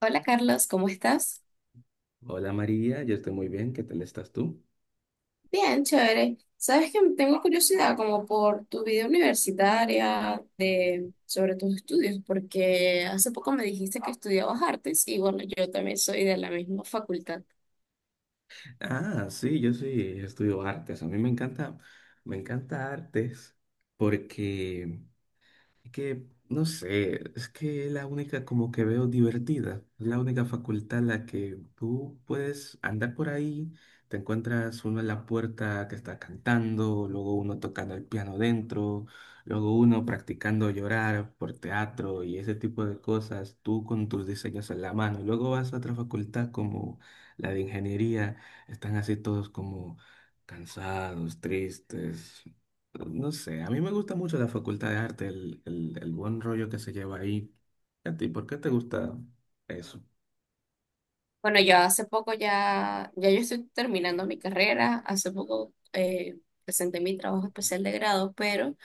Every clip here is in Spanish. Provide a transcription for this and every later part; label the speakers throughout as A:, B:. A: Hola Carlos, ¿cómo estás?
B: Hola María, yo estoy muy bien, ¿qué tal estás tú?
A: Bien, chévere. Sabes que tengo curiosidad como por tu vida universitaria sobre tus estudios, porque hace poco me dijiste que estudiabas artes y bueno, yo también soy de la misma facultad.
B: Ah, sí, yo sí estudio artes, a mí me encanta artes porque que, no sé, es que es la única como que veo divertida, es la única facultad en la que tú puedes andar por ahí, te encuentras uno en la puerta que está cantando, luego uno tocando el piano dentro, luego uno practicando llorar por teatro y ese tipo de cosas, tú con tus diseños en la mano, y luego vas a otra facultad como la de ingeniería, están así todos como cansados, tristes, no sé, a mí me gusta mucho la Facultad de Arte, el buen rollo que se lleva ahí. ¿A ti por qué te gusta eso?
A: Bueno, yo hace poco ya yo estoy terminando mi carrera, hace poco presenté mi trabajo especial de grado, pero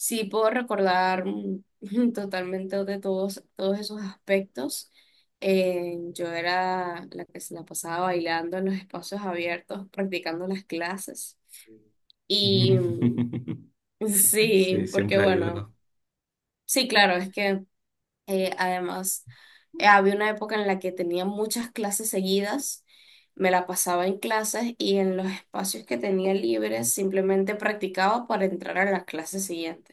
A: sí, puedo recordar totalmente de todos esos aspectos. Yo era la que se la pasaba bailando en los espacios abiertos, practicando las clases. Y mm,
B: Sí,
A: sí, porque
B: siempre hay
A: bueno,
B: uno.
A: sí, claro, es que además había una época en la que tenía muchas clases seguidas, me la pasaba en clases y en los espacios que tenía libres simplemente practicaba para entrar a la clase siguiente.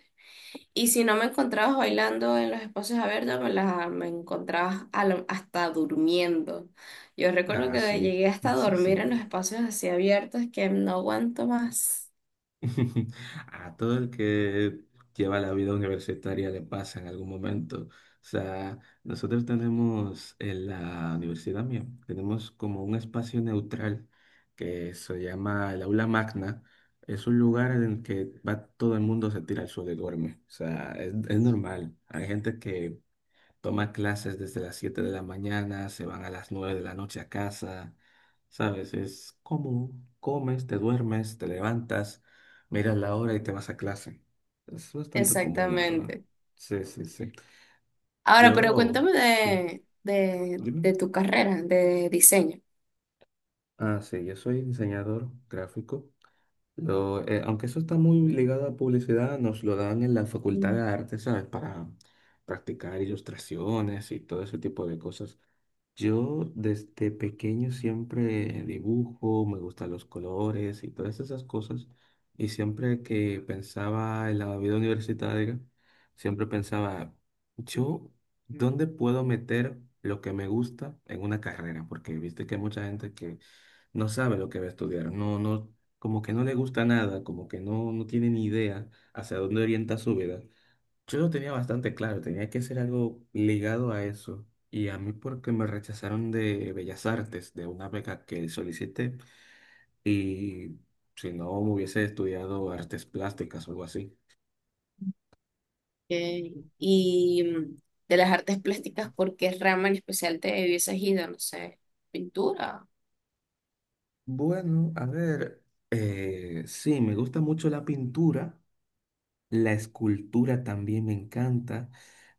A: Y si no me encontrabas bailando en los espacios abiertos, me encontrabas hasta durmiendo. Yo recuerdo
B: Ah,
A: que
B: sí,
A: llegué hasta a
B: sí, sí.
A: dormir en los espacios así abiertos que no aguanto más.
B: A todo el que lleva la vida universitaria le pasa en algún momento. O sea, nosotros tenemos en la universidad mía, tenemos como un espacio neutral que se llama el aula magna. Es un lugar en el que va todo el mundo se tira al suelo y duerme. O sea, es normal. Hay gente que toma clases desde las 7 de la mañana, se van a las 9 de la noche a casa, ¿sabes? Es como comes, te duermes, te levantas, miras la hora y te vas a clase. Es bastante común, la verdad.
A: Exactamente.
B: Sí, sí, sí.
A: Ahora, pero
B: Yo,
A: cuéntame
B: sí,
A: de
B: dime.
A: tu carrera de diseño.
B: Ah, sí, yo soy diseñador gráfico. Aunque eso está muy ligado a publicidad, nos lo dan en la Facultad
A: Mm.
B: de Arte, ¿sabes? Para practicar ilustraciones y todo ese tipo de cosas. Yo desde pequeño siempre dibujo, me gustan los colores y todas esas cosas. Y siempre que pensaba en la vida universitaria, siempre pensaba, yo, ¿dónde puedo meter lo que me gusta en una carrera? Porque viste que hay mucha gente que no sabe lo que va a estudiar, no, no, como que no le gusta nada, como que no, no tiene ni idea hacia dónde orienta su vida. Yo lo tenía bastante claro, tenía que ser algo ligado a eso. Y a mí porque me rechazaron de Bellas Artes, de una beca que solicité, y si no hubiese estudiado artes plásticas o algo así.
A: eh, y mm, de las artes plásticas, ¿por qué rama en especial te hubieses ido? No sé, pintura.
B: Bueno, a ver, sí, me gusta mucho la pintura, la escultura también me encanta,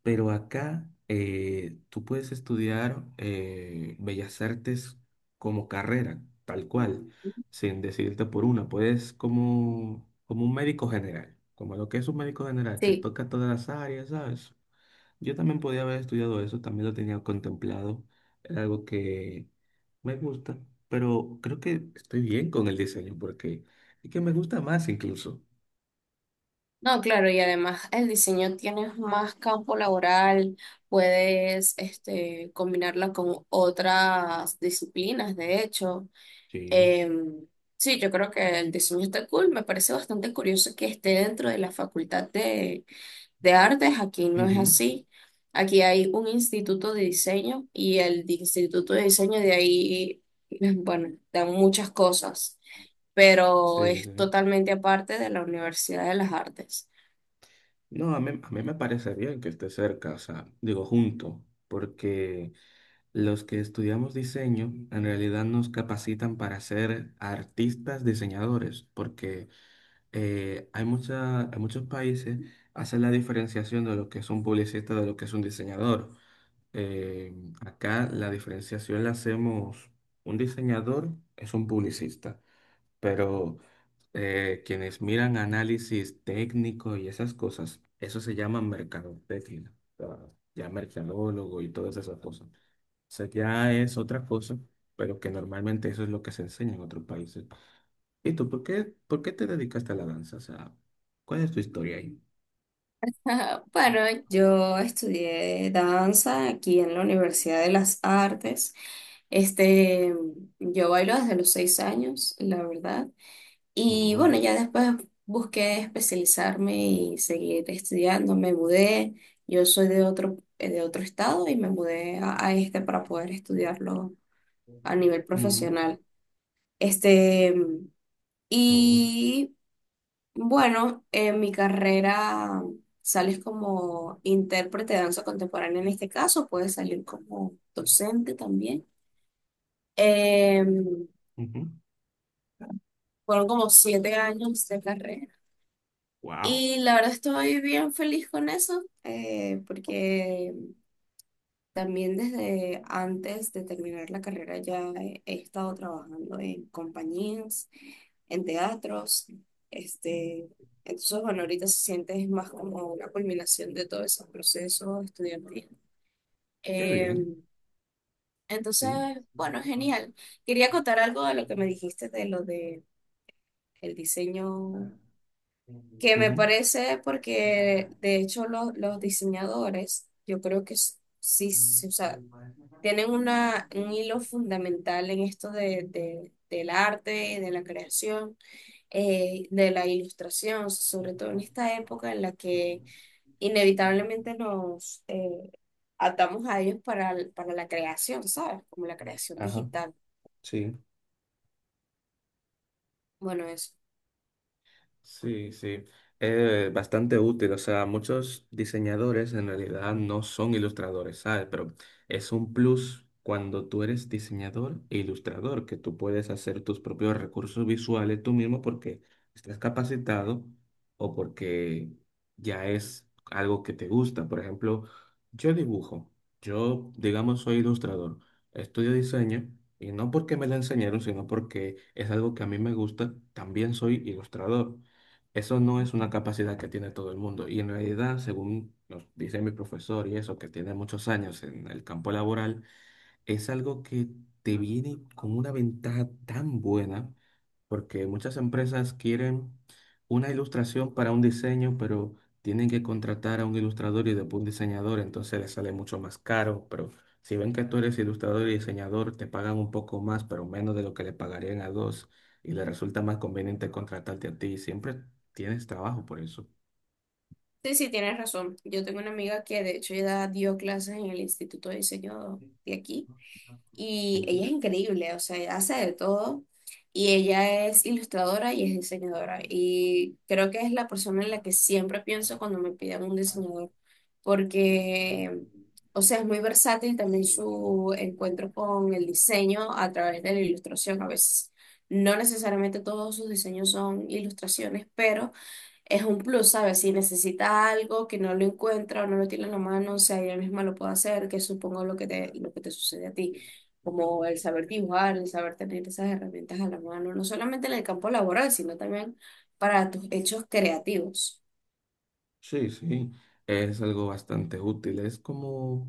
B: pero acá tú puedes estudiar bellas artes como carrera, tal cual, sin decidirte por una. Puedes como, como un médico general, como lo que es un médico general, que
A: Sí.
B: toca todas las áreas, ¿sabes? Yo también podía haber estudiado eso, también lo tenía contemplado, era algo que me gusta, pero creo que estoy bien con el diseño porque es que me gusta más incluso.
A: No, claro, y además el diseño tienes más campo laboral, puedes este, combinarla con otras disciplinas, de hecho.
B: Sí.
A: Em, sí, yo creo que el diseño está cool, me parece bastante curioso que esté dentro de la facultad de artes, aquí no es
B: Ujú.
A: así. Aquí hay un instituto de diseño y el instituto de diseño de ahí, bueno, dan muchas cosas, pero
B: Sí, sí,
A: es
B: sí.
A: totalmente aparte de la Universidad de las Artes.
B: No, a mí me parece bien que esté cerca, o sea, digo junto, porque los que estudiamos diseño en realidad nos capacitan para ser artistas diseñadores, porque en muchos países hacen la diferenciación de lo que es un publicista de lo que es un diseñador. Eh, acá la diferenciación la hacemos, un diseñador es un publicista. Pero quienes miran análisis técnico y esas cosas, eso se llama mercadotecnia, o sea, ya mercadólogo y todas esas cosas. O sea, ya es otra cosa, pero que normalmente eso es lo que se enseña en otros países. ¿Y tú por qué te dedicaste a la danza? O sea, ¿cuál es tu historia ahí?
A: Ajá, bueno, yo estudié danza aquí en la Universidad de las Artes. Este, yo bailo desde los 6 años, la verdad. Y bueno,
B: Oh,
A: ya después busqué especializarme y seguir estudiando. Me mudé. Yo soy de otro estado y me mudé a este para poder estudiarlo a nivel
B: ujú,
A: profesional. Este,
B: oh,
A: y bueno, en mi carrera sales como intérprete de danza contemporánea en este caso, puedes salir como docente también. Eh,
B: ujú.
A: Fueron como 7 años de carrera
B: Wow,
A: y la verdad estoy bien feliz con eso, porque también desde antes de terminar la carrera ya he estado trabajando en compañías, en teatros. Este, entonces, bueno, ahorita se siente es más como una culminación de todos esos procesos estudiantiles.
B: qué
A: Eh,
B: bien,
A: entonces,
B: sí.
A: bueno, genial. Quería contar algo de lo que me dijiste de lo de el diseño, que me
B: Ujú.
A: parece porque
B: Ventaja,
A: de hecho
B: ¿no?
A: los diseñadores, yo creo que sí,
B: Entonces,
A: sí, o sea,
B: como para esa carta son
A: tienen
B: dos
A: una, un
B: millones,
A: hilo
B: no,
A: fundamental en esto de, del arte y de la creación, de la ilustración,
B: no,
A: sobre todo en
B: está-
A: esta
B: no,
A: época en la
B: no,
A: que
B: bueno, sí, sí, sí,
A: inevitablemente nos atamos a ellos para la creación, ¿sabes? Como la
B: sí,
A: creación
B: ajá,
A: digital.
B: sí.
A: Bueno, eso.
B: Sí, sí. Es bastante útil. O sea, muchos diseñadores en realidad no son ilustradores, ¿sabes? Pero es un plus cuando tú eres diseñador e ilustrador, que tú puedes hacer tus propios recursos visuales tú mismo porque estás capacitado o porque ya es algo que te gusta. Por ejemplo, yo dibujo. Yo, digamos, soy ilustrador. Estudio diseño. Y no porque me lo enseñaron, sino porque es algo que a mí me gusta. También soy ilustrador. Eso no es una capacidad que tiene todo el mundo. Y en realidad, según nos dice mi profesor y eso, que tiene muchos años en el campo laboral, es algo que te viene con una ventaja tan buena, porque muchas empresas quieren una ilustración para un diseño, pero tienen que contratar a un ilustrador y después un diseñador, entonces les sale mucho más caro, pero si ven que tú eres ilustrador y diseñador, te pagan un poco más, pero menos de lo que le pagarían a dos, y les resulta más conveniente contratarte a ti, y siempre tienes trabajo por eso.
A: Sí, sí, tienes razón. Yo tengo una amiga que de hecho ya dio clases en el Instituto de Diseño de aquí y ella es increíble, o sea, ella hace de todo y ella es ilustradora y es diseñadora y creo que es la persona en la que siempre pienso cuando me piden un diseñador porque, o sea, es muy versátil también
B: Ujú.
A: su encuentro con el diseño a través de la ilustración a veces. No necesariamente todos sus diseños son ilustraciones, pero es un plus, ¿sabes? Si necesita algo que no lo encuentra o no lo tiene en la mano, o sea, ella misma lo puede hacer, que supongo lo que lo que te sucede a ti, como el saber dibujar, el saber tener esas herramientas a la mano, no solamente en el campo laboral, sino también para tus hechos creativos.
B: Sí, sí, es algo bastante útil. Es como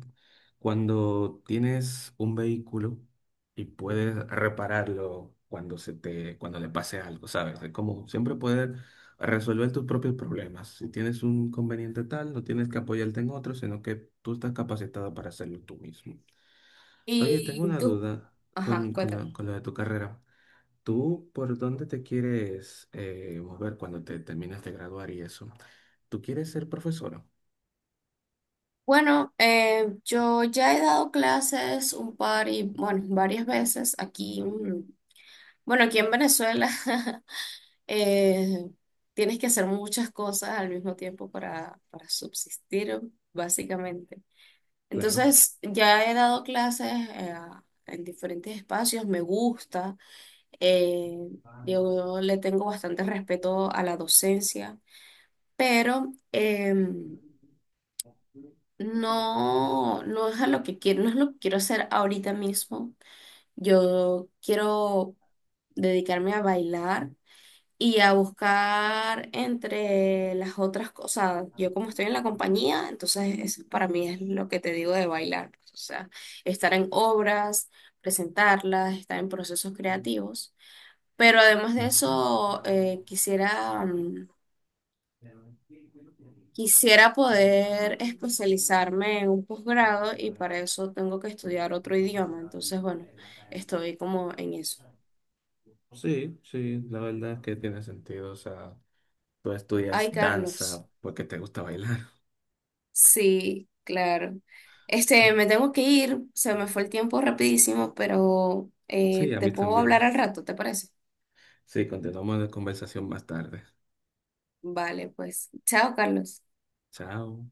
B: cuando tienes un vehículo y puedes repararlo cuando se te, cuando le pase algo, ¿sabes? Es como siempre poder resolver tus propios problemas. Si tienes un conveniente tal, no tienes que apoyarte en otro, sino que tú estás capacitado para hacerlo tú mismo. Oye, tengo
A: Y
B: una
A: tú,
B: duda
A: ajá,
B: con, con
A: cuéntame.
B: lo, con lo de tu carrera. ¿Tú por dónde te quieres mover cuando te terminas de graduar y eso? ¿Tú quieres ser profesora?
A: Bueno, yo ya he dado clases un par y, bueno, varias veces aquí, mm, bueno, aquí en Venezuela. Eh, tienes que hacer muchas cosas al mismo tiempo para subsistir, básicamente.
B: Claro.
A: Entonces, ya he dado clases en diferentes espacios, me gusta, eh, yo le tengo bastante respeto a la docencia, pero no, no es a lo que quiero, no es lo que quiero hacer ahorita mismo. Yo quiero dedicarme a bailar y a buscar entre las otras cosas. Yo como estoy en la compañía, entonces eso para mí es lo que te digo de bailar, pues, o sea, estar en obras, presentarlas, estar en procesos creativos. Pero además de eso, quisiera, quisiera poder especializarme en un posgrado y para eso tengo que estudiar otro idioma. Entonces, bueno, estoy como en eso.
B: Sí, sí, la verdad es que tiene sentido. O sea, tú estudias
A: Ay, Carlos.
B: danza porque te gusta bailar.
A: Sí, claro. Este, me tengo que ir, se me fue el tiempo rapidísimo, pero
B: Sí, a
A: te
B: mí
A: puedo hablar
B: también.
A: al rato, ¿te parece?
B: Sí, continuamos la conversación más tarde.
A: Vale, pues. Chao, Carlos.
B: Chao.